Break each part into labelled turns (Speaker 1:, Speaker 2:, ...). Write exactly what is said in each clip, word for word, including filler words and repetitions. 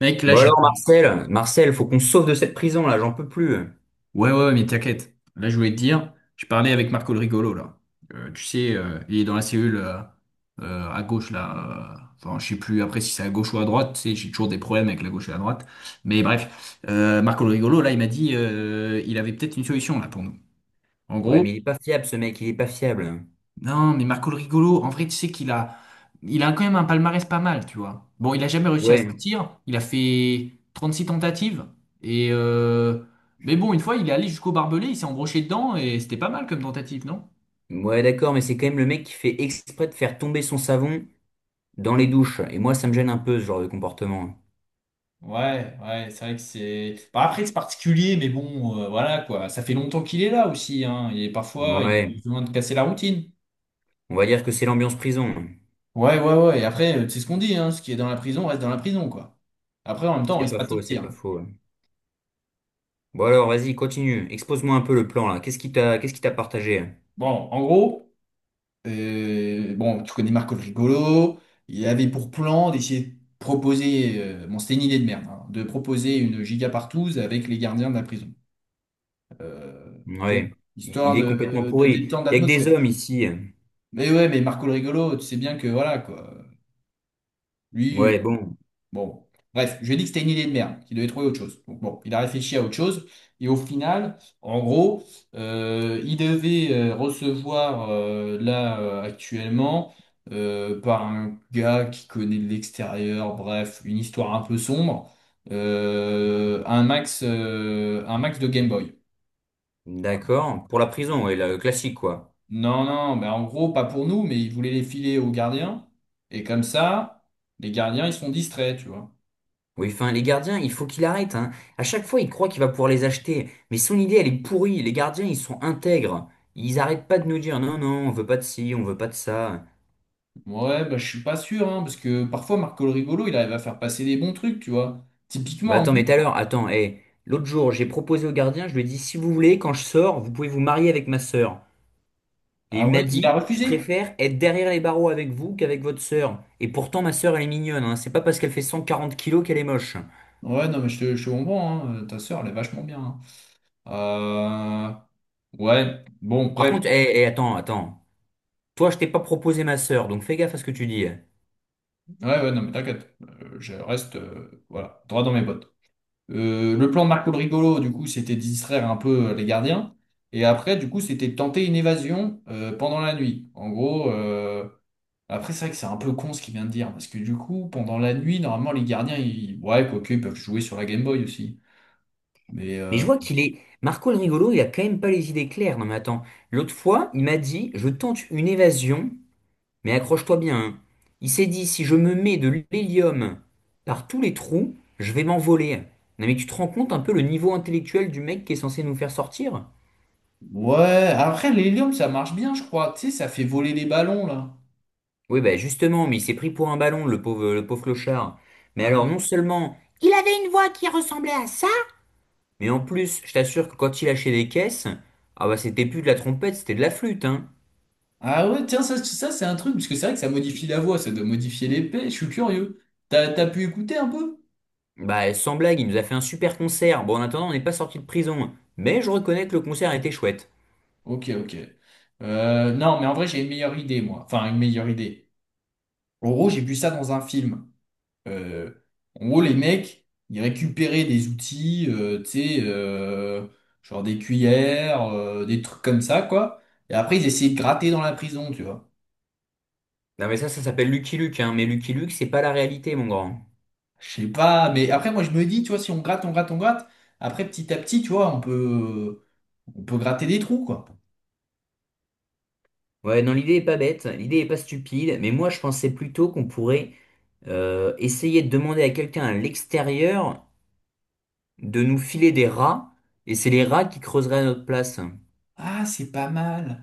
Speaker 1: Mec, là,
Speaker 2: Bon
Speaker 1: j'ai...
Speaker 2: alors Marcel, Marcel, faut qu'on se sauve de cette prison là, j'en peux plus.
Speaker 1: Ouais, ouais, ouais, mais t'inquiète. Là, je voulais te dire, je parlais avec Marco le rigolo, là. Euh, tu sais, euh, il est dans la cellule euh, euh, à gauche, là. euh, Enfin, je sais plus après si c'est à gauche ou à droite. Tu sais, j'ai toujours des problèmes avec la gauche et la droite. Mais bref, euh, Marco le rigolo, là, il m'a dit, euh, il avait peut-être une solution, là, pour nous. En
Speaker 2: Ouais,
Speaker 1: gros.
Speaker 2: mais il est pas fiable ce mec, il est pas fiable.
Speaker 1: Non, mais Marco le Rigolo, en vrai, tu sais qu'il a, il a quand même un palmarès pas mal, tu vois. Bon, il a jamais réussi à
Speaker 2: Ouais,
Speaker 1: sortir. Il a fait trente-six tentatives. Et euh, mais bon, une fois, il est allé jusqu'au barbelé, il s'est embroché dedans et c'était pas mal comme tentative, non?
Speaker 2: ouais d'accord, mais c'est quand même le mec qui fait exprès de faire tomber son savon dans les douches. Et moi, ça me gêne un peu ce genre de comportement.
Speaker 1: Ouais, ouais, c'est vrai que c'est. Bah, après, c'est particulier, mais bon, euh, voilà quoi. Ça fait longtemps qu'il est là aussi, hein. Et parfois, il a
Speaker 2: Ouais,
Speaker 1: besoin de casser la routine.
Speaker 2: on va dire que c'est l'ambiance prison.
Speaker 1: Ouais, ouais, ouais. Et après, euh, c'est ce qu'on dit, hein. Ce qui est dans la prison reste dans la prison, quoi. Après, en même temps, on
Speaker 2: C'est
Speaker 1: risque
Speaker 2: pas
Speaker 1: pas de
Speaker 2: faux, c'est
Speaker 1: sortir.
Speaker 2: pas faux. Bon alors, vas-y, continue. Expose-moi un peu le plan là. Qu'est-ce qui t'a, qu'est-ce qui t'a partagé?
Speaker 1: Bon, en gros. Euh, bon, tu connais Marco le Rigolo. Il avait pour plan d'essayer de proposer, euh, bon, c'était une idée de merde, hein, de proposer une giga partouze avec les gardiens de la prison. Euh, Tu vois,
Speaker 2: Ouais, il
Speaker 1: histoire
Speaker 2: il est complètement
Speaker 1: de, de
Speaker 2: pourri.
Speaker 1: détendre
Speaker 2: Il y a que des
Speaker 1: l'atmosphère.
Speaker 2: hommes ici.
Speaker 1: Mais ouais, mais Marco le Rigolo, tu sais bien que voilà, quoi. Lui.
Speaker 2: Ouais, bon,
Speaker 1: Bon, bon. Bref, je lui ai dit que c'était une idée de merde, qu'il devait trouver autre chose. Donc bon, il a réfléchi à autre chose, et au final, en gros, euh, il devait euh, recevoir euh, là euh, actuellement euh, par un gars qui connaît de l'extérieur, bref, une histoire un peu sombre, euh, un max, euh, un max de Game Boy. Voilà.
Speaker 2: d'accord. Pour la prison, ouais, le classique quoi.
Speaker 1: Non, non, mais en gros, pas pour nous, mais il voulait les filer aux gardiens, et comme ça, les gardiens, ils sont distraits, tu vois.
Speaker 2: Oui, enfin, les gardiens, il faut qu'il arrête, hein. À chaque fois, il croit qu'il va pouvoir les acheter. Mais son idée, elle est pourrie. Les gardiens, ils sont intègres. Ils arrêtent pas de nous dire, non, non, on veut pas de ci, on veut pas de ça.
Speaker 1: Ouais, bah, je suis pas sûr, hein, parce que parfois Marco le Rigolo, il arrive à faire passer des bons trucs, tu vois.
Speaker 2: Bah
Speaker 1: Typiquement, un
Speaker 2: attends,
Speaker 1: moment-
Speaker 2: mais tout à l'heure, attends, hé. L'autre jour, j'ai proposé au gardien, je lui ai dit, si vous voulez, quand je sors, vous pouvez vous marier avec ma sœur. Et
Speaker 1: Ah
Speaker 2: il
Speaker 1: ouais,
Speaker 2: m'a
Speaker 1: il a
Speaker 2: dit, je
Speaker 1: refusé.
Speaker 2: préfère être derrière les barreaux avec vous qu'avec votre sœur. Et pourtant, ma sœur, elle est mignonne, hein. C'est pas parce qu'elle fait cent quarante kilos qu'elle est moche.
Speaker 1: Ouais, non, mais je te, je te comprends, hein, euh, ta sœur, elle est vachement bien. Hein. Euh, Ouais, bon,
Speaker 2: Par
Speaker 1: bref.
Speaker 2: contre, hé, hé, attends, attends. Toi, je t'ai pas proposé ma sœur, donc fais gaffe à ce que tu dis.
Speaker 1: Ouais, ouais, non, mais t'inquiète, Euh, je reste, euh, voilà, droit dans mes bottes. Euh, le plan de Marco le Rigolo, du coup, c'était de distraire un peu euh, les gardiens. Et après, du coup, c'était de tenter une évasion euh, pendant la nuit. En gros. euh, Après, c'est vrai que c'est un peu con ce qu'il vient de dire, parce que du coup, pendant la nuit, normalement, les gardiens, ils... ouais, quoique, ils peuvent jouer sur la Game Boy aussi. Mais
Speaker 2: Mais
Speaker 1: euh,
Speaker 2: je vois qu'il est. Marco le rigolo, il a quand même pas les idées claires. Non, mais attends. L'autre fois, il m'a dit, je tente une évasion, mais accroche-toi bien, hein. Il s'est dit, si je me mets de l'hélium par tous les trous, je vais m'envoler. Non, mais tu te rends compte un peu le niveau intellectuel du mec qui est censé nous faire sortir?
Speaker 1: ouais, après, l'hélium, ça marche bien, je crois. Tu sais, ça fait voler les ballons, là.
Speaker 2: Oui, bah justement, mais il s'est pris pour un ballon, le pauvre, le pauvre clochard. Mais
Speaker 1: Ah
Speaker 2: alors, non
Speaker 1: ouais.
Speaker 2: seulement il avait une voix qui ressemblait à ça, mais en plus, je t'assure que quand il lâchait des caisses, ah bah c'était plus de la trompette, c'était de la flûte, hein.
Speaker 1: Ah ouais, tiens, ça, ça c'est un truc, parce que c'est vrai que ça modifie la voix, ça doit modifier l'épée, je suis curieux. T'as, t'as pu écouter un peu?
Speaker 2: Bah, sans blague, il nous a fait un super concert. Bon, en attendant, on n'est pas sorti de prison. Mais je reconnais que le concert était chouette.
Speaker 1: Ok, ok. Euh, non, mais en vrai, j'ai une meilleure idée, moi. Enfin, une meilleure idée. En gros, j'ai vu ça dans un film. Euh, En gros, les mecs, ils récupéraient des outils, euh, tu sais, euh, genre des cuillères, euh, des trucs comme ça, quoi. Et après, ils essayaient de gratter dans la prison, tu vois.
Speaker 2: Non, mais ça, ça s'appelle Lucky Luke, hein. Mais Lucky Luke, c'est pas la réalité, mon grand.
Speaker 1: Je sais pas, mais après, moi, je me dis, tu vois, si on gratte, on gratte, on gratte, après, petit à petit, tu vois, on peut, on peut gratter des trous, quoi.
Speaker 2: Ouais, non, l'idée est pas bête, l'idée est pas stupide. Mais moi, je pensais plutôt qu'on pourrait euh, essayer de demander à quelqu'un à l'extérieur de nous filer des rats. Et c'est les rats qui creuseraient à notre place.
Speaker 1: Ah, c'est pas mal.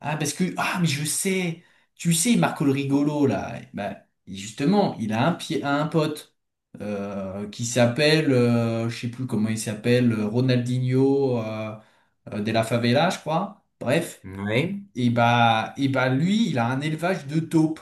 Speaker 1: Ah, parce que, ah, mais je sais, tu sais, Marco le rigolo, là, bah, justement, il a un pied, à un pote euh, qui s'appelle, euh, je sais plus comment il s'appelle, euh, Ronaldinho euh, euh, de la Favela, je crois. Bref,
Speaker 2: Ouais.
Speaker 1: et bah, et bah, lui, il a un élevage de taupes,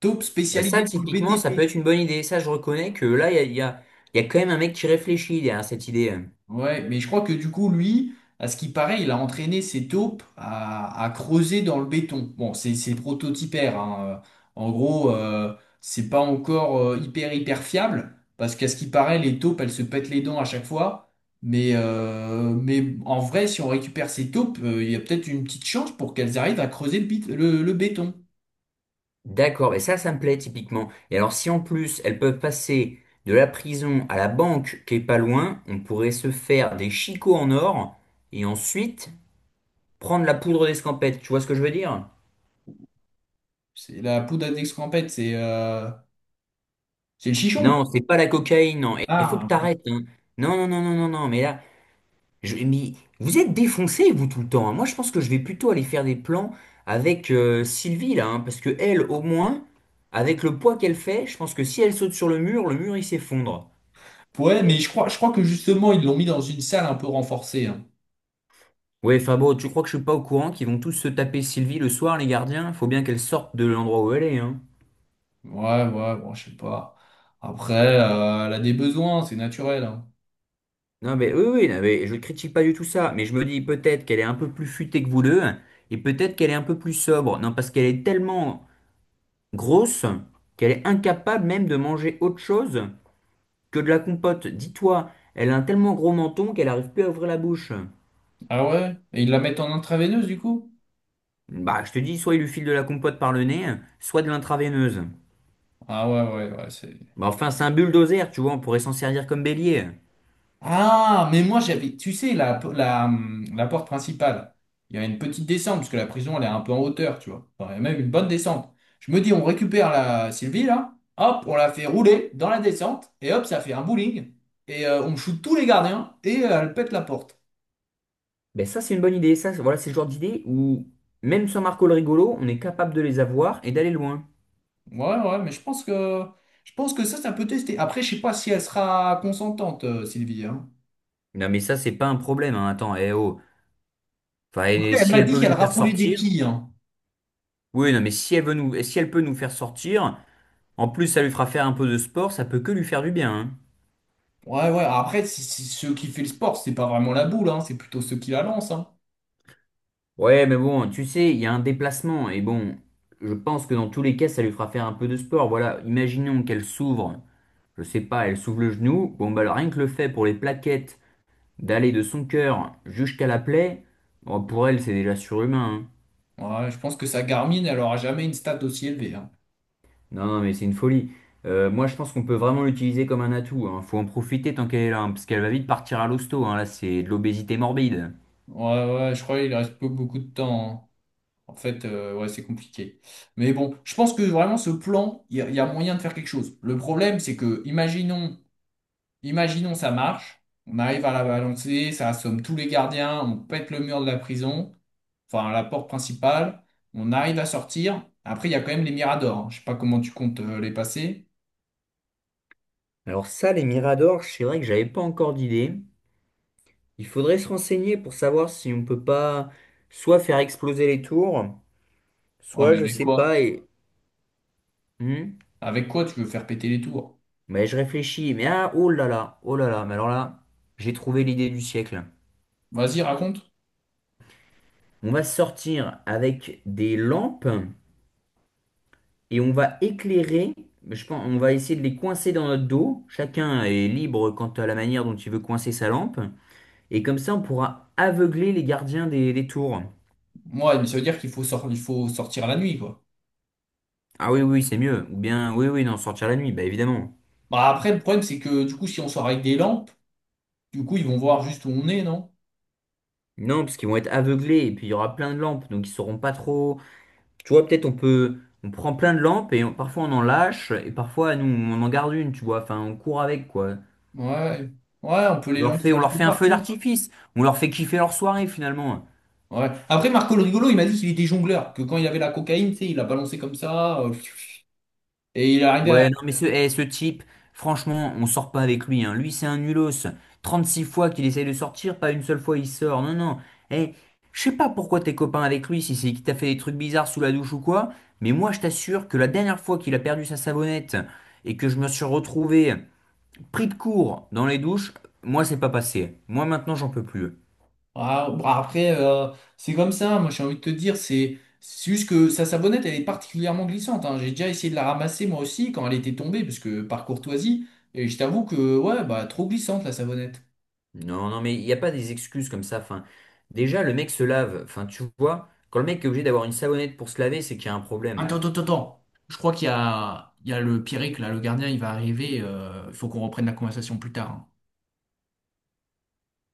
Speaker 1: taupes
Speaker 2: Bah, ça,
Speaker 1: spécialisées dans le
Speaker 2: typiquement, ça peut
Speaker 1: B T P.
Speaker 2: être une bonne idée. Ça, je reconnais que là, il y a, il y a il y a quand même un mec qui réfléchit derrière cette idée.
Speaker 1: Ouais, mais je crois que du coup, lui, à ce qui paraît, il a entraîné ses taupes à, à creuser dans le béton. Bon, c'est c'est prototypaire, hein. Euh, En gros, euh, c'est pas encore euh, hyper hyper fiable, parce qu'à ce qui paraît, les taupes, elles se pètent les dents à chaque fois. Mais, euh, mais en vrai, si on récupère ces taupes, euh, il y a peut-être une petite chance pour qu'elles arrivent à creuser le, bit- le, le béton.
Speaker 2: D'accord, mais ça, ça me plaît typiquement. Et alors, si en plus elles peuvent passer de la prison à la banque qui est pas loin, on pourrait se faire des chicots en or et ensuite prendre la poudre d'escampette. Tu vois ce que je veux dire?
Speaker 1: C'est la poudre à d'escampette, c'est euh, c'est le chichon,
Speaker 2: Non,
Speaker 1: quoi.
Speaker 2: c'est pas la cocaïne, non. Et il faut
Speaker 1: Ah,
Speaker 2: que
Speaker 1: ok.
Speaker 2: t'arrêtes, hein. Non, non, non, non, non, non. Mais là, je, mais vous êtes défoncés, vous, tout le temps, hein. Moi, je pense que je vais plutôt aller faire des plans avec euh, Sylvie, là, hein, parce que elle, au moins, avec le poids qu'elle fait, je pense que si elle saute sur le mur, le mur, il s'effondre.
Speaker 1: Ouais, mais je crois, je crois que justement, ils l'ont mis dans une salle un peu renforcée. Hein.
Speaker 2: Ouais, Fabo, tu crois que je suis pas au courant qu'ils vont tous se taper Sylvie le soir, les gardiens? Faut bien qu'elle sorte de l'endroit où elle est, hein.
Speaker 1: Ouais, ouais, bon, je sais pas. Après, euh, elle a des besoins, c'est naturel. Hein.
Speaker 2: Non, mais oui, oui, non, mais je ne critique pas du tout ça, mais je me dis peut-être qu'elle est un peu plus futée que vous deux, et peut-être qu'elle est un peu plus sobre. Non, parce qu'elle est tellement grosse qu'elle est incapable même de manger autre chose que de la compote. Dis-toi, elle a un tellement gros menton qu'elle arrive plus à ouvrir la bouche.
Speaker 1: Ah ouais? Et ils la mettent en intraveineuse, du coup?
Speaker 2: Bah, je te dis, soit il lui file de la compote par le nez, soit de l'intraveineuse.
Speaker 1: Ah ouais, ouais, ouais, c'est...
Speaker 2: Bah, enfin, c'est un bulldozer, tu vois, on pourrait s'en servir comme bélier.
Speaker 1: Ah, mais moi, j'avais... Tu sais, la, la, hum, la porte principale, il y a une petite descente, parce que la prison, elle est un peu en hauteur, tu vois. Enfin, il y a même une bonne descente. Je me dis, on récupère la Sylvie, là, hop, on la fait rouler dans la descente, et hop, ça fait un bowling, et euh, on shoot tous les gardiens, et euh, elle pète la porte.
Speaker 2: Ben ça, c'est une bonne idée. Ça, c'est- voilà, c'est le genre d'idée où, même sans Marco le rigolo, on est capable de les avoir et d'aller loin.
Speaker 1: Ouais, ouais, mais je pense que je pense que ça, ça peut tester. Après, je sais pas si elle sera consentante, euh, Sylvie. Hein.
Speaker 2: Non, mais ça, c'est pas un problème, hein. Attends, eh oh. Enfin,
Speaker 1: Après,
Speaker 2: eh,
Speaker 1: elle
Speaker 2: si
Speaker 1: m'a
Speaker 2: elle
Speaker 1: dit
Speaker 2: peut
Speaker 1: qu'elle
Speaker 2: nous faire
Speaker 1: raffolait des
Speaker 2: sortir.
Speaker 1: quilles. Hein.
Speaker 2: Oui, non, mais si elle veut nous, eh, si elle peut nous faire sortir, en plus, ça lui fera faire un peu de sport, ça peut que lui faire du bien, hein.
Speaker 1: Ouais, ouais. Après, si, si ceux qui fait le sport, c'est pas vraiment la boule, hein, c'est plutôt ceux qui la lancent. Hein.
Speaker 2: Ouais, mais bon, tu sais, il y a un déplacement. Et bon, je pense que dans tous les cas, ça lui fera faire un peu de sport. Voilà, imaginons qu'elle s'ouvre. Je sais pas, elle s'ouvre le genou. Bon, bah, rien que le fait pour les plaquettes d'aller de son cœur jusqu'à la plaie, bon, pour elle, c'est déjà surhumain, hein.
Speaker 1: Ouais, je pense que sa Garmin, elle aura jamais une stat aussi élevée. Hein.
Speaker 2: Non, non, mais c'est une folie. Euh, moi, je pense qu'on peut vraiment l'utiliser comme un atout, hein. Faut en profiter tant qu'elle est là, hein, parce qu'elle va vite partir à l'hosto, hein. Là, c'est de l'obésité morbide.
Speaker 1: Ouais, ouais, je crois qu'il reste peu- beaucoup de temps. Hein. En fait, euh, ouais, c'est compliqué. Mais bon, je pense que vraiment ce plan, il y, a il y a moyen de faire quelque chose. Le problème, c'est que, imaginons. Imaginons ça marche, on arrive à la balancer, ça assomme tous les gardiens, on pète le mur de la prison, enfin la porte principale, on arrive à sortir. Après, il y a quand même les miradors. Hein. Je sais pas comment tu comptes euh, les passer.
Speaker 2: Alors ça, les miradors, c'est vrai que j'avais pas encore d'idée. Il faudrait se renseigner pour savoir si on peut pas soit faire exploser les tours,
Speaker 1: Ouais,
Speaker 2: soit
Speaker 1: mais
Speaker 2: je
Speaker 1: avec
Speaker 2: sais
Speaker 1: quoi?
Speaker 2: pas et... Hmm.
Speaker 1: Avec quoi tu veux faire péter les tours?
Speaker 2: Mais je réfléchis, mais ah, oh là là, oh là là, mais alors là, j'ai trouvé l'idée du siècle.
Speaker 1: Vas-y, raconte.
Speaker 2: On va sortir avec des lampes et on va éclairer. Je pense, on va essayer de les coincer dans notre dos. Chacun est libre quant à la manière dont il veut coincer sa lampe. Et comme ça, on pourra aveugler les gardiens des, des tours.
Speaker 1: Moi, mais ça veut dire qu'il faut sor- il faut sortir la nuit, quoi.
Speaker 2: Ah oui, oui, c'est mieux. Ou bien, oui, oui, non, sortir la nuit, bah évidemment.
Speaker 1: Bah après, le problème, c'est que du coup, si on sort avec des lampes, du coup, ils vont voir juste où on est, non?
Speaker 2: Non, parce qu'ils vont être aveuglés et puis il y aura plein de lampes, donc ils sauront pas trop. Tu vois, peut-être on peut, on prend plein de lampes et on- parfois on en lâche et parfois nous on en garde une, tu vois. Enfin, on court avec quoi.
Speaker 1: Ouais. Ouais, on peut les
Speaker 2: On leur fait,
Speaker 1: lancer
Speaker 2: on
Speaker 1: un
Speaker 2: leur
Speaker 1: peu
Speaker 2: fait un feu
Speaker 1: partout.
Speaker 2: d'artifice. On leur fait kiffer leur soirée, finalement.
Speaker 1: Ouais. Après, Marco le rigolo, il m'a dit qu'il était jongleur, que quand il avait la cocaïne, tu sais, il a balancé comme ça, euh, et il est arrivé à...
Speaker 2: Ouais, non, mais ce, eh, ce type, franchement, on sort pas avec lui, hein. Lui, c'est un nulos. Trente-six fois qu'il essaye de sortir, pas une seule fois il sort. Non, non. Eh, je sais pas pourquoi t'es copain avec lui, si c'est qu'il t'a fait des trucs bizarres sous la douche ou quoi, mais moi, je t'assure que la dernière fois qu'il a perdu sa savonnette et que je me suis retrouvé pris de court dans les douches, moi, c'est pas passé. Moi, maintenant, j'en peux plus.
Speaker 1: Ah, bah, après, euh, c'est comme ça, moi j'ai envie de te dire, c'est c'est juste que sa sabonnette, elle est particulièrement glissante, hein. J'ai déjà essayé de la ramasser moi aussi quand elle était tombée, parce que par courtoisie, et je t'avoue que, ouais, bah, trop glissante la sabonnette.
Speaker 2: Non, non, mais il n'y a pas des excuses comme ça. Enfin, déjà, le mec se lave. Enfin, tu vois, quand le mec est obligé d'avoir une savonnette pour se laver, c'est qu'il y a un
Speaker 1: Attends,
Speaker 2: problème.
Speaker 1: attends, attends. Attends. Je crois qu'il y a, il y a le Pierrick, là, le gardien, il va arriver. euh, Il faut qu'on reprenne la conversation plus tard. Hein.